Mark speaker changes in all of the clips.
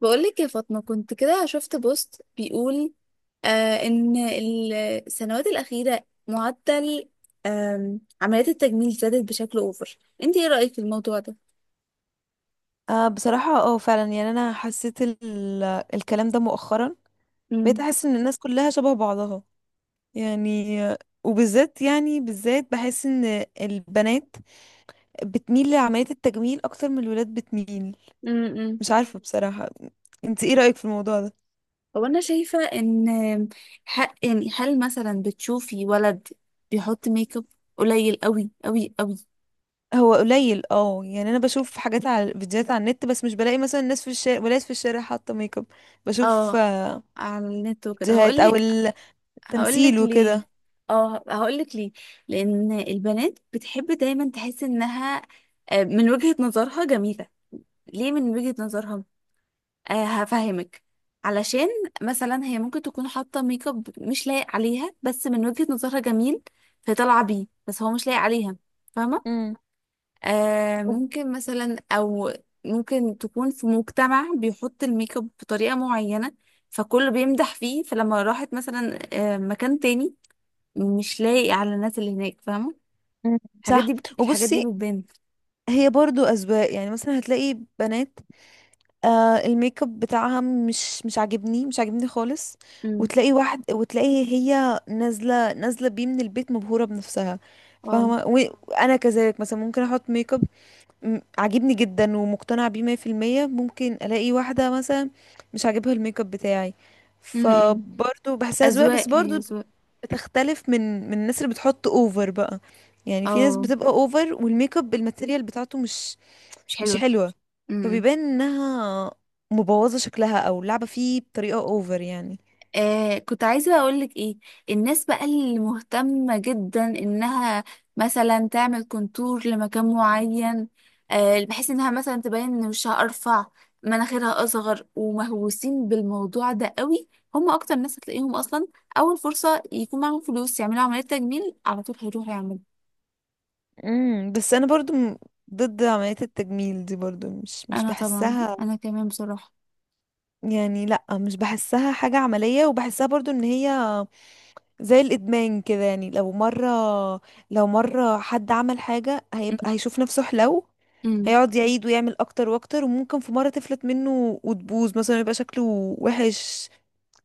Speaker 1: بقولك يا فاطمة كنت كده شفت بوست بيقول إن السنوات الأخيرة معدل عمليات التجميل زادت بشكل أوفر. انت ايه رأيك في الموضوع ده؟
Speaker 2: بصراحة، فعلا يعني انا حسيت الكلام ده مؤخرا. بقيت
Speaker 1: امم.
Speaker 2: احس ان الناس كلها شبه بعضها، يعني. وبالذات، يعني بحس ان البنات بتميل لعملية التجميل اكتر من الولاد بتميل.
Speaker 1: امم.
Speaker 2: مش عارفة بصراحة. انت ايه رأيك في الموضوع ده؟
Speaker 1: هو أنا شايفة إن حق، يعني هل مثلا بتشوفي ولد بيحط ميك اب قليل قوي قوي قوي؟
Speaker 2: هو قليل، يعني انا بشوف حاجات على فيديوهات على النت، بس مش بلاقي مثلا الناس في الشارع، ولاد في الشارع حاطة ميك اب. بشوف،
Speaker 1: اه، على النت وكده
Speaker 2: فيديوهات او
Speaker 1: هقولك
Speaker 2: التمثيل
Speaker 1: هقولك ليه.
Speaker 2: وكده.
Speaker 1: اه، هقولك ليه. لان البنات بتحب دايما تحس انها، من وجهة نظرها جميلة. ليه من وجهة نظرها؟ هفهمك. علشان مثلا هي ممكن تكون حاطة ميك اب مش لايق عليها، بس من وجهة نظرها جميل، فطالعة بيه بس هو مش لايق عليها. فاهمة؟
Speaker 2: امم،
Speaker 1: ممكن مثلا، او ممكن تكون في مجتمع بيحط الميك اب بطريقة معينة، فكله بيمدح فيه. فلما راحت مثلا مكان تاني، مش لاقي على الناس اللي هناك. فاهمة؟ الحاجات
Speaker 2: صح.
Speaker 1: دي الحاجات دي
Speaker 2: وبصي،
Speaker 1: بتبان.
Speaker 2: هي برضو أذواق. يعني مثلا هتلاقي بنات الميك اب بتاعها مش عاجبني، مش عاجبني خالص.
Speaker 1: امم.
Speaker 2: وتلاقي واحد، وتلاقي هي نازلة نازلة بيه من البيت، مبهورة بنفسها.
Speaker 1: اه.
Speaker 2: فاهمة؟ وأنا كذلك، مثلا ممكن أحط ميك اب عاجبني جدا ومقتنعة بيه 100%. ممكن ألاقي واحدة مثلا مش عاجبها الميك اب بتاعي،
Speaker 1: امم.
Speaker 2: فبرضو بحسها أذواق.
Speaker 1: اذواق،
Speaker 2: بس
Speaker 1: هي
Speaker 2: برضو
Speaker 1: اذواق.
Speaker 2: بتختلف من الناس اللي بتحط اوفر بقى. يعني في ناس
Speaker 1: اه،
Speaker 2: بتبقى اوفر والميك اب الماتيريال بتاعته مش
Speaker 1: مش
Speaker 2: مش
Speaker 1: حلوه.
Speaker 2: حلوة.
Speaker 1: امم. امم.
Speaker 2: فبيبان انها مبوظة شكلها او لعبة فيه بطريقة اوفر يعني.
Speaker 1: كنت عايزه اقول لك ايه. الناس بقى اللي مهتمه جدا انها مثلا تعمل كونتور لمكان معين، بحيث انها مثلا تبين ان وشها ارفع، مناخيرها اصغر، ومهووسين بالموضوع ده قوي. هم اكتر ناس هتلاقيهم اصلا، اول فرصه يكون معاهم فلوس يعملوا عمليه تجميل على طول هيروحوا يعملوا.
Speaker 2: امم. بس انا برضو ضد عملية التجميل دي، برضو مش
Speaker 1: انا طبعا،
Speaker 2: بحسها.
Speaker 1: انا كمان بصراحه.
Speaker 2: يعني لا، مش بحسها حاجة عملية، وبحسها برضو ان هي زي الادمان كده. يعني لو مرة حد عمل حاجة، هيبقى هيشوف نفسه حلو،
Speaker 1: امم.
Speaker 2: هيقعد يعيد ويعمل اكتر واكتر، وممكن في مرة تفلت منه وتبوظ مثلا، يبقى شكله وحش.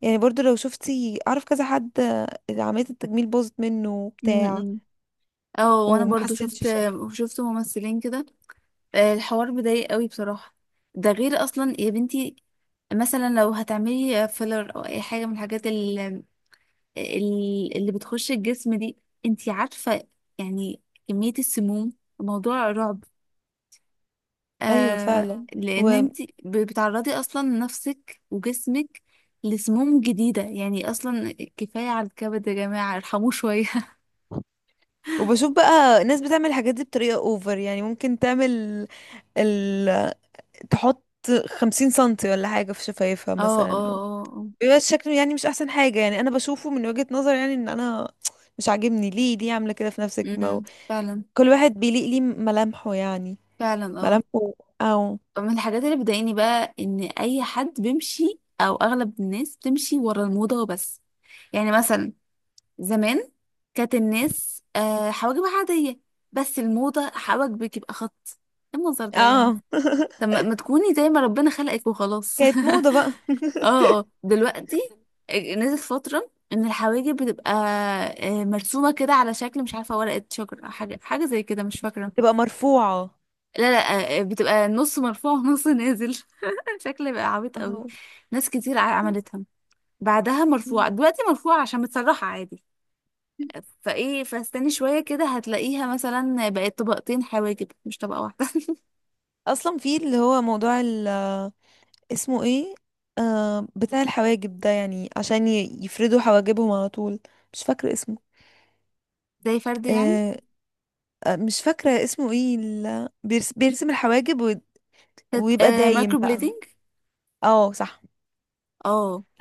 Speaker 2: يعني برضو لو شفتي، اعرف كذا حد اللي عملية التجميل باظت منه وبتاع
Speaker 1: امم. اه، وانا
Speaker 2: وما
Speaker 1: برضو شفت
Speaker 2: حسنش شكله.
Speaker 1: شفت ممثلين كده، الحوار بضايق قوي بصراحه. ده غير اصلا يا بنتي، مثلا لو هتعملي فيلر او اي حاجه من الحاجات اللي بتخش الجسم دي. انتي عارفه، يعني كميه السموم موضوع رعب.
Speaker 2: ايوه، فعلا. و...
Speaker 1: لان انتي بتعرضي اصلا نفسك وجسمك لسموم جديده، يعني اصلا. كفايه على الكبد يا جماعه، ارحموه شويه.
Speaker 2: وبشوف بقى الناس بتعمل الحاجات دي بطريقة اوفر. يعني ممكن تعمل ال... تحط 50 سنتي ولا حاجة في شفايفها
Speaker 1: اه، اه،
Speaker 2: مثلا،
Speaker 1: اه، اه.
Speaker 2: بيبقى شكله يعني مش احسن حاجة. يعني انا بشوفه من وجهة نظر، يعني ان انا مش عاجبني. ليه؟ ليه عاملة كده في نفسك؟ ما هو
Speaker 1: امم، فعلا.
Speaker 2: كل واحد بيليق ليه ملامحه، يعني
Speaker 1: فعلا. اه،
Speaker 2: ملامحه، او
Speaker 1: من الحاجات اللي بتضايقني بقى ان اي حد بيمشي، او اغلب الناس بتمشي ورا الموضة وبس. يعني مثلا زمان كانت الناس حواجبها عادية، بس الموضة حواجبك يبقى خط. ايه المنظر ده يا جماعة؟
Speaker 2: اه
Speaker 1: طب ما تكوني زي ما ربنا خلقك وخلاص.
Speaker 2: كانت موضة بقى.
Speaker 1: اه، اه. دلوقتي نزلت فترة ان الحواجب بتبقى مرسومة كده على شكل، مش عارفة، ورقة شجر او حاجة زي كده، مش فاكرة.
Speaker 2: تبقى مرفوعة.
Speaker 1: لا، لا، بتبقى نص مرفوع ونص نازل. شكل بقى عبيط قوي.
Speaker 2: اه،
Speaker 1: ناس كتير عملتها. بعدها مرفوعة. دلوقتي مرفوعة عشان متسرحة عادي. فايه، فاستني شوية كده هتلاقيها مثلا بقت طبقتين حواجب مش طبقة واحدة.
Speaker 2: اصلا في اللي هو موضوع اسمه ايه، بتاع الحواجب ده، يعني عشان يفردوا حواجبهم على طول، مش فاكرة اسمه.
Speaker 1: زي فرد يعني.
Speaker 2: آه مش فاكرة اسمه ايه، بيرسم الحواجب
Speaker 1: كانت
Speaker 2: ويبقى دايم
Speaker 1: مايكرو
Speaker 2: بقى.
Speaker 1: بليدنج.
Speaker 2: اه، صح.
Speaker 1: اه.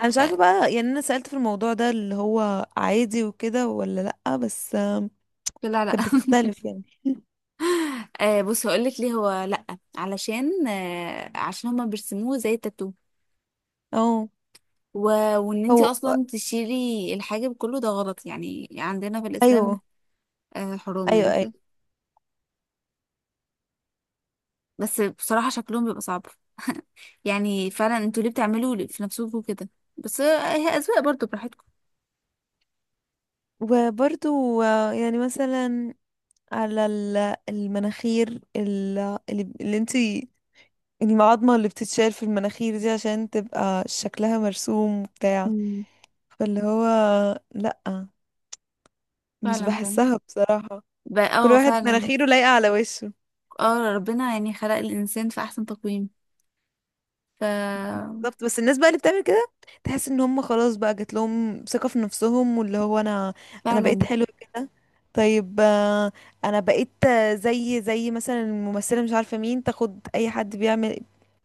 Speaker 2: انا مش عارفة
Speaker 1: آه،
Speaker 2: بقى، يعني انا سألت في الموضوع ده اللي هو عادي وكده ولا لأ، بس
Speaker 1: لا، لا.
Speaker 2: كانت بتختلف يعني.
Speaker 1: بص، هقولك ليه. هو لا، علشان عشان هما بيرسموه زي التاتو،
Speaker 2: اه،
Speaker 1: و... وان انتي
Speaker 2: هو
Speaker 1: اصلا تشيلي الحاجب كله، ده غلط يعني. عندنا في الاسلام
Speaker 2: ايوه،
Speaker 1: حروم يعني
Speaker 2: ايوه، ايوه.
Speaker 1: وكده. بس بصراحة شكلهم بيبقى صعب. يعني فعلا انتوا ليه بتعملوا في نفسكم كده؟ بس هي أذواق برضو، براحتكم.
Speaker 2: وبرضو يعني مثلا على المناخير، ال- اللي انتي، المعضمة اللي بتتشال في المناخير دي عشان تبقى شكلها مرسوم وبتاع.
Speaker 1: امم،
Speaker 2: فاللي هو لأ، مش
Speaker 1: فعلا. فعلا،
Speaker 2: بحسها بصراحة. كل
Speaker 1: اه،
Speaker 2: واحد
Speaker 1: فعلا.
Speaker 2: مناخيره لايقة على وشه.
Speaker 1: اه، ربنا يعني خلق الإنسان في أحسن تقويم. ف
Speaker 2: بالظبط، بس الناس بقى اللي بتعمل كده تحس ان هم خلاص بقى جات لهم ثقة في نفسهم، واللي هو انا بقيت
Speaker 1: فعلا.
Speaker 2: حلوة كده، طيب. انا بقيت زي مثلا الممثلة مش عارفة مين، تاخد اي حد بيعمل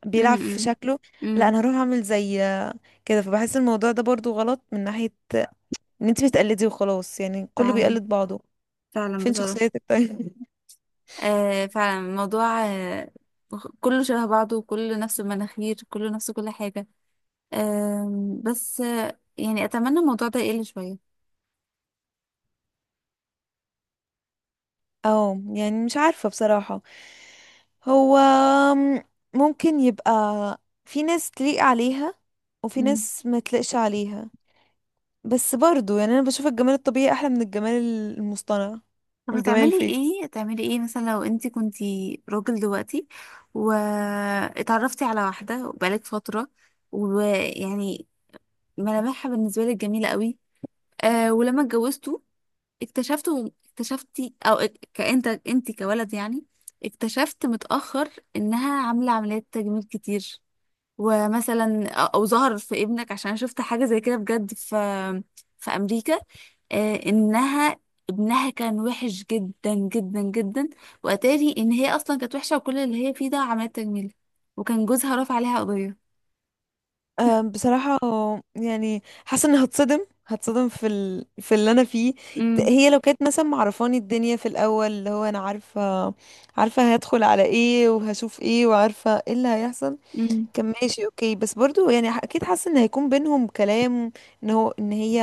Speaker 2: بيلعب في
Speaker 1: امم.
Speaker 2: شكله، لا
Speaker 1: امم،
Speaker 2: انا هروح اعمل زي كده. فبحس الموضوع ده برضو غلط من ناحية ان انت بتقلدي وخلاص، يعني كله
Speaker 1: فعلا.
Speaker 2: بيقلد بعضه.
Speaker 1: فعلا
Speaker 2: فين
Speaker 1: بصراحة.
Speaker 2: شخصيتك طيب؟
Speaker 1: فعلا الموضوع كله شبه بعضه، وكله نفس المناخير، كله نفس كل حاجة. بس يعني أتمنى الموضوع ده يقل شوية.
Speaker 2: اه، يعني مش عارفة بصراحة. هو ممكن يبقى في ناس تليق عليها وفي ناس ما تليقش عليها. بس برضو يعني انا بشوف الجمال الطبيعي احلى من الجمال المصطنع،
Speaker 1: طب
Speaker 2: والجمال
Speaker 1: هتعملي
Speaker 2: الفيك.
Speaker 1: ايه، مثلا لو انت كنتي راجل دلوقتي واتعرفتي على واحدة بقالك فترة، ويعني ملامحها بالنسبة لك جميلة قوي، ولما اتجوزتوا اكتشفتي، كأنت انت كولد يعني اكتشفت متأخر انها عاملة عمليات تجميل كتير، ومثلا او ظهر في ابنك. عشان أنا شفت حاجه زي كده بجد في امريكا، انها ابنها كان وحش جدا جدا جدا، واتاري ان هي اصلا كانت وحشه وكل اللي هي فيه ده عمليات تجميل، وكان جوزها رافع عليها قضيه.
Speaker 2: بصراحة، يعني حاسة اني هتصدم في في اللي انا فيه.
Speaker 1: امم.
Speaker 2: هي لو كانت مثلا معرفاني الدنيا في الاول، اللي هو انا عارفة، عارفة هدخل على ايه وهشوف ايه وعارفة ايه اللي هيحصل،
Speaker 1: امم.
Speaker 2: كان ماشي اوكي. بس برضو يعني اكيد حاسه ان هيكون بينهم كلام، ان هي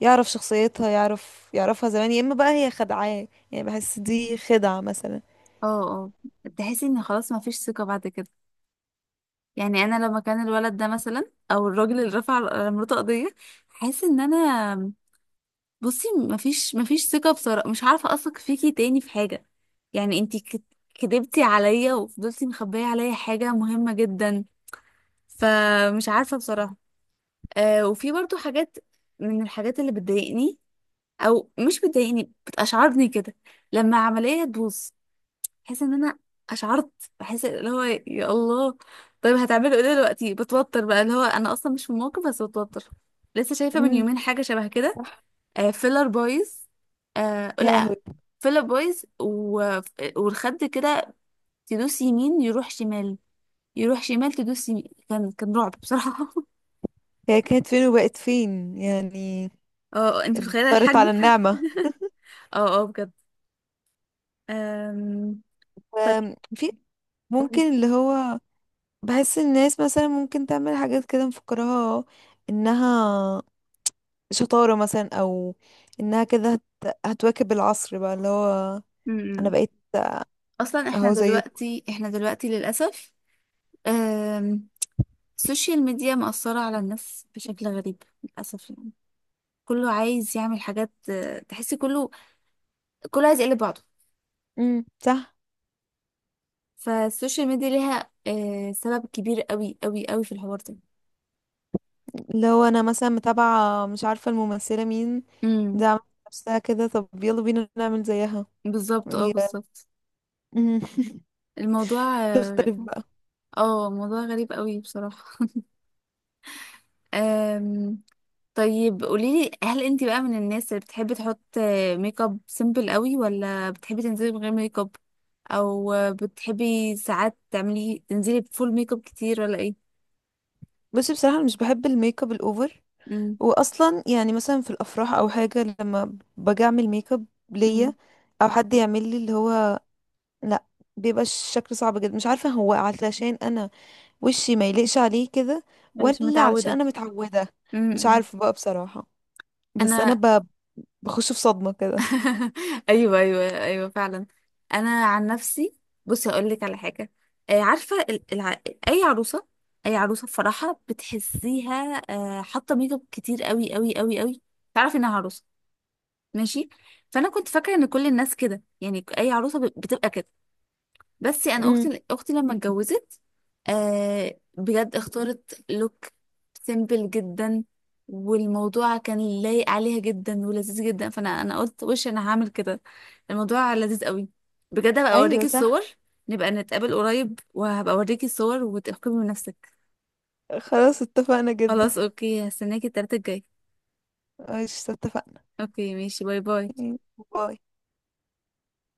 Speaker 2: يعرف شخصيتها، يعرفها زمان. يا اما بقى هي خدعاه، يعني بحس دي خدعه مثلا.
Speaker 1: اه، اه. تحسي ان خلاص ما فيش ثقه بعد كده. يعني انا لما كان الولد ده مثلا، او الراجل اللي رفع على مراته قضيه، حاسه ان انا، بصي، مفيش ثقة بصراحة، مش عارفة أثق فيكي تاني في حاجة. يعني انتي كدبتي عليا وفضلتي مخبية عليا حاجة مهمة جدا، فمش عارفة بصراحة. وفي برضو حاجات، من الحاجات اللي بتضايقني، أو مش بتضايقني، بتأشعرني كده لما عملية تبوظ. بحس إن أنا أشعرت، بحس اللي هو يا الله طيب هتعملوا ايه دلوقتي، بتوتر بقى، اللي هو أنا أصلا مش في الموقف بس بتوتر. لسه شايفة من
Speaker 2: امم،
Speaker 1: يومين حاجة شبه كده.
Speaker 2: صح.
Speaker 1: فيلر بويز.
Speaker 2: يا
Speaker 1: لا،
Speaker 2: لهوي!
Speaker 1: فيلر بويز، والخد كده، تدوس يمين يروح شمال، يروح شمال تدوس يمين. كان رعب بصراحة.
Speaker 2: هي كانت فين وبقت فين يعني؟
Speaker 1: اه، انت متخيلة
Speaker 2: اضطرت على
Speaker 1: الحجم.
Speaker 2: النعمه.
Speaker 1: اه، اه، بجد. أم... طيب
Speaker 2: في ممكن
Speaker 1: قولي.
Speaker 2: اللي هو بحس الناس مثلا ممكن تعمل حاجات كده مفكراها انها شطارة مثلا، او انها كده هتواكب العصر بقى، اللي هو انا
Speaker 1: أمم.
Speaker 2: بقيت
Speaker 1: اصلا احنا
Speaker 2: اهو زيكم.
Speaker 1: دلوقتي، للأسف. أم... السوشيال ميديا مأثرة على الناس بشكل غريب للأسف. يعني كله عايز يعمل حاجات، تحسي كله عايز يقلب بعضه.
Speaker 2: امم، صح.
Speaker 1: فالسوشيال ميديا ليها سبب كبير قوي قوي قوي في الحوار ده.
Speaker 2: لو انا مثلا متابعة مش عارفة الممثلة مين دي،
Speaker 1: امم،
Speaker 2: عملت نفسها كده، طب يلا بينا نعمل زيها.
Speaker 1: بالظبط. اه،
Speaker 2: هي،
Speaker 1: بالظبط.
Speaker 2: مم.
Speaker 1: الموضوع اه
Speaker 2: تختلف بقى.
Speaker 1: آه، موضوع غريب قوي بصراحة. أم... طيب قوليلي، هل انت بقى من الناس اللي بتحبي تحط ميك اب سيمبل قوي، ولا بتحبي تنزلي من غير ميك اب، او بتحبي ساعات تنزلي بفول ميك اب كتير، ولا ايه؟
Speaker 2: بصي، بصراحة أنا مش بحب الميك اب الاوفر.
Speaker 1: امم.
Speaker 2: واصلا يعني مثلا في الافراح او حاجة، لما باجي اعمل ميك اب ليا
Speaker 1: امم.
Speaker 2: او حد يعمل لي اللي هو، لا، بيبقى الشكل صعب جدا. مش عارفة، هو علشان انا وشي ما يليقش عليه كده،
Speaker 1: ولا مش
Speaker 2: ولا علشان
Speaker 1: متعودة.
Speaker 2: انا متعودة، مش
Speaker 1: امم.
Speaker 2: عارفة بقى بصراحة. بس انا
Speaker 1: انا.
Speaker 2: بخش في صدمة كده.
Speaker 1: ايوه، ايوه، ايوه، فعلا. انا عن نفسي، بصي اقول لك على حاجه. عارفه اي عروسه، اي عروسه في فرحها بتحسيها حاطه ميك اب كتير قوي قوي قوي قوي، تعرف انها عروسه. ماشي، فانا كنت فاكره ان كل الناس كده. يعني اي عروسه بتبقى كده. بس انا،
Speaker 2: مم.
Speaker 1: اختي، لما اتجوزت، بجد اختارت لوك سيمبل جدا، والموضوع كان لايق عليها جدا ولذيذ جدا. فانا، قلت وش انا هعمل كده، الموضوع لذيذ قوي بجد. هبقى
Speaker 2: ايوه،
Speaker 1: اوريكي الصور.
Speaker 2: صح.
Speaker 1: نبقى نتقابل قريب وهبقى اوريكي الصور وتحكمي بنفسك.
Speaker 2: خلاص، اتفقنا جدا.
Speaker 1: خلاص اوكي، هستناكي التلاتة الجاي.
Speaker 2: ماشي، اتفقنا.
Speaker 1: اوكي ماشي، باي باي.
Speaker 2: باي.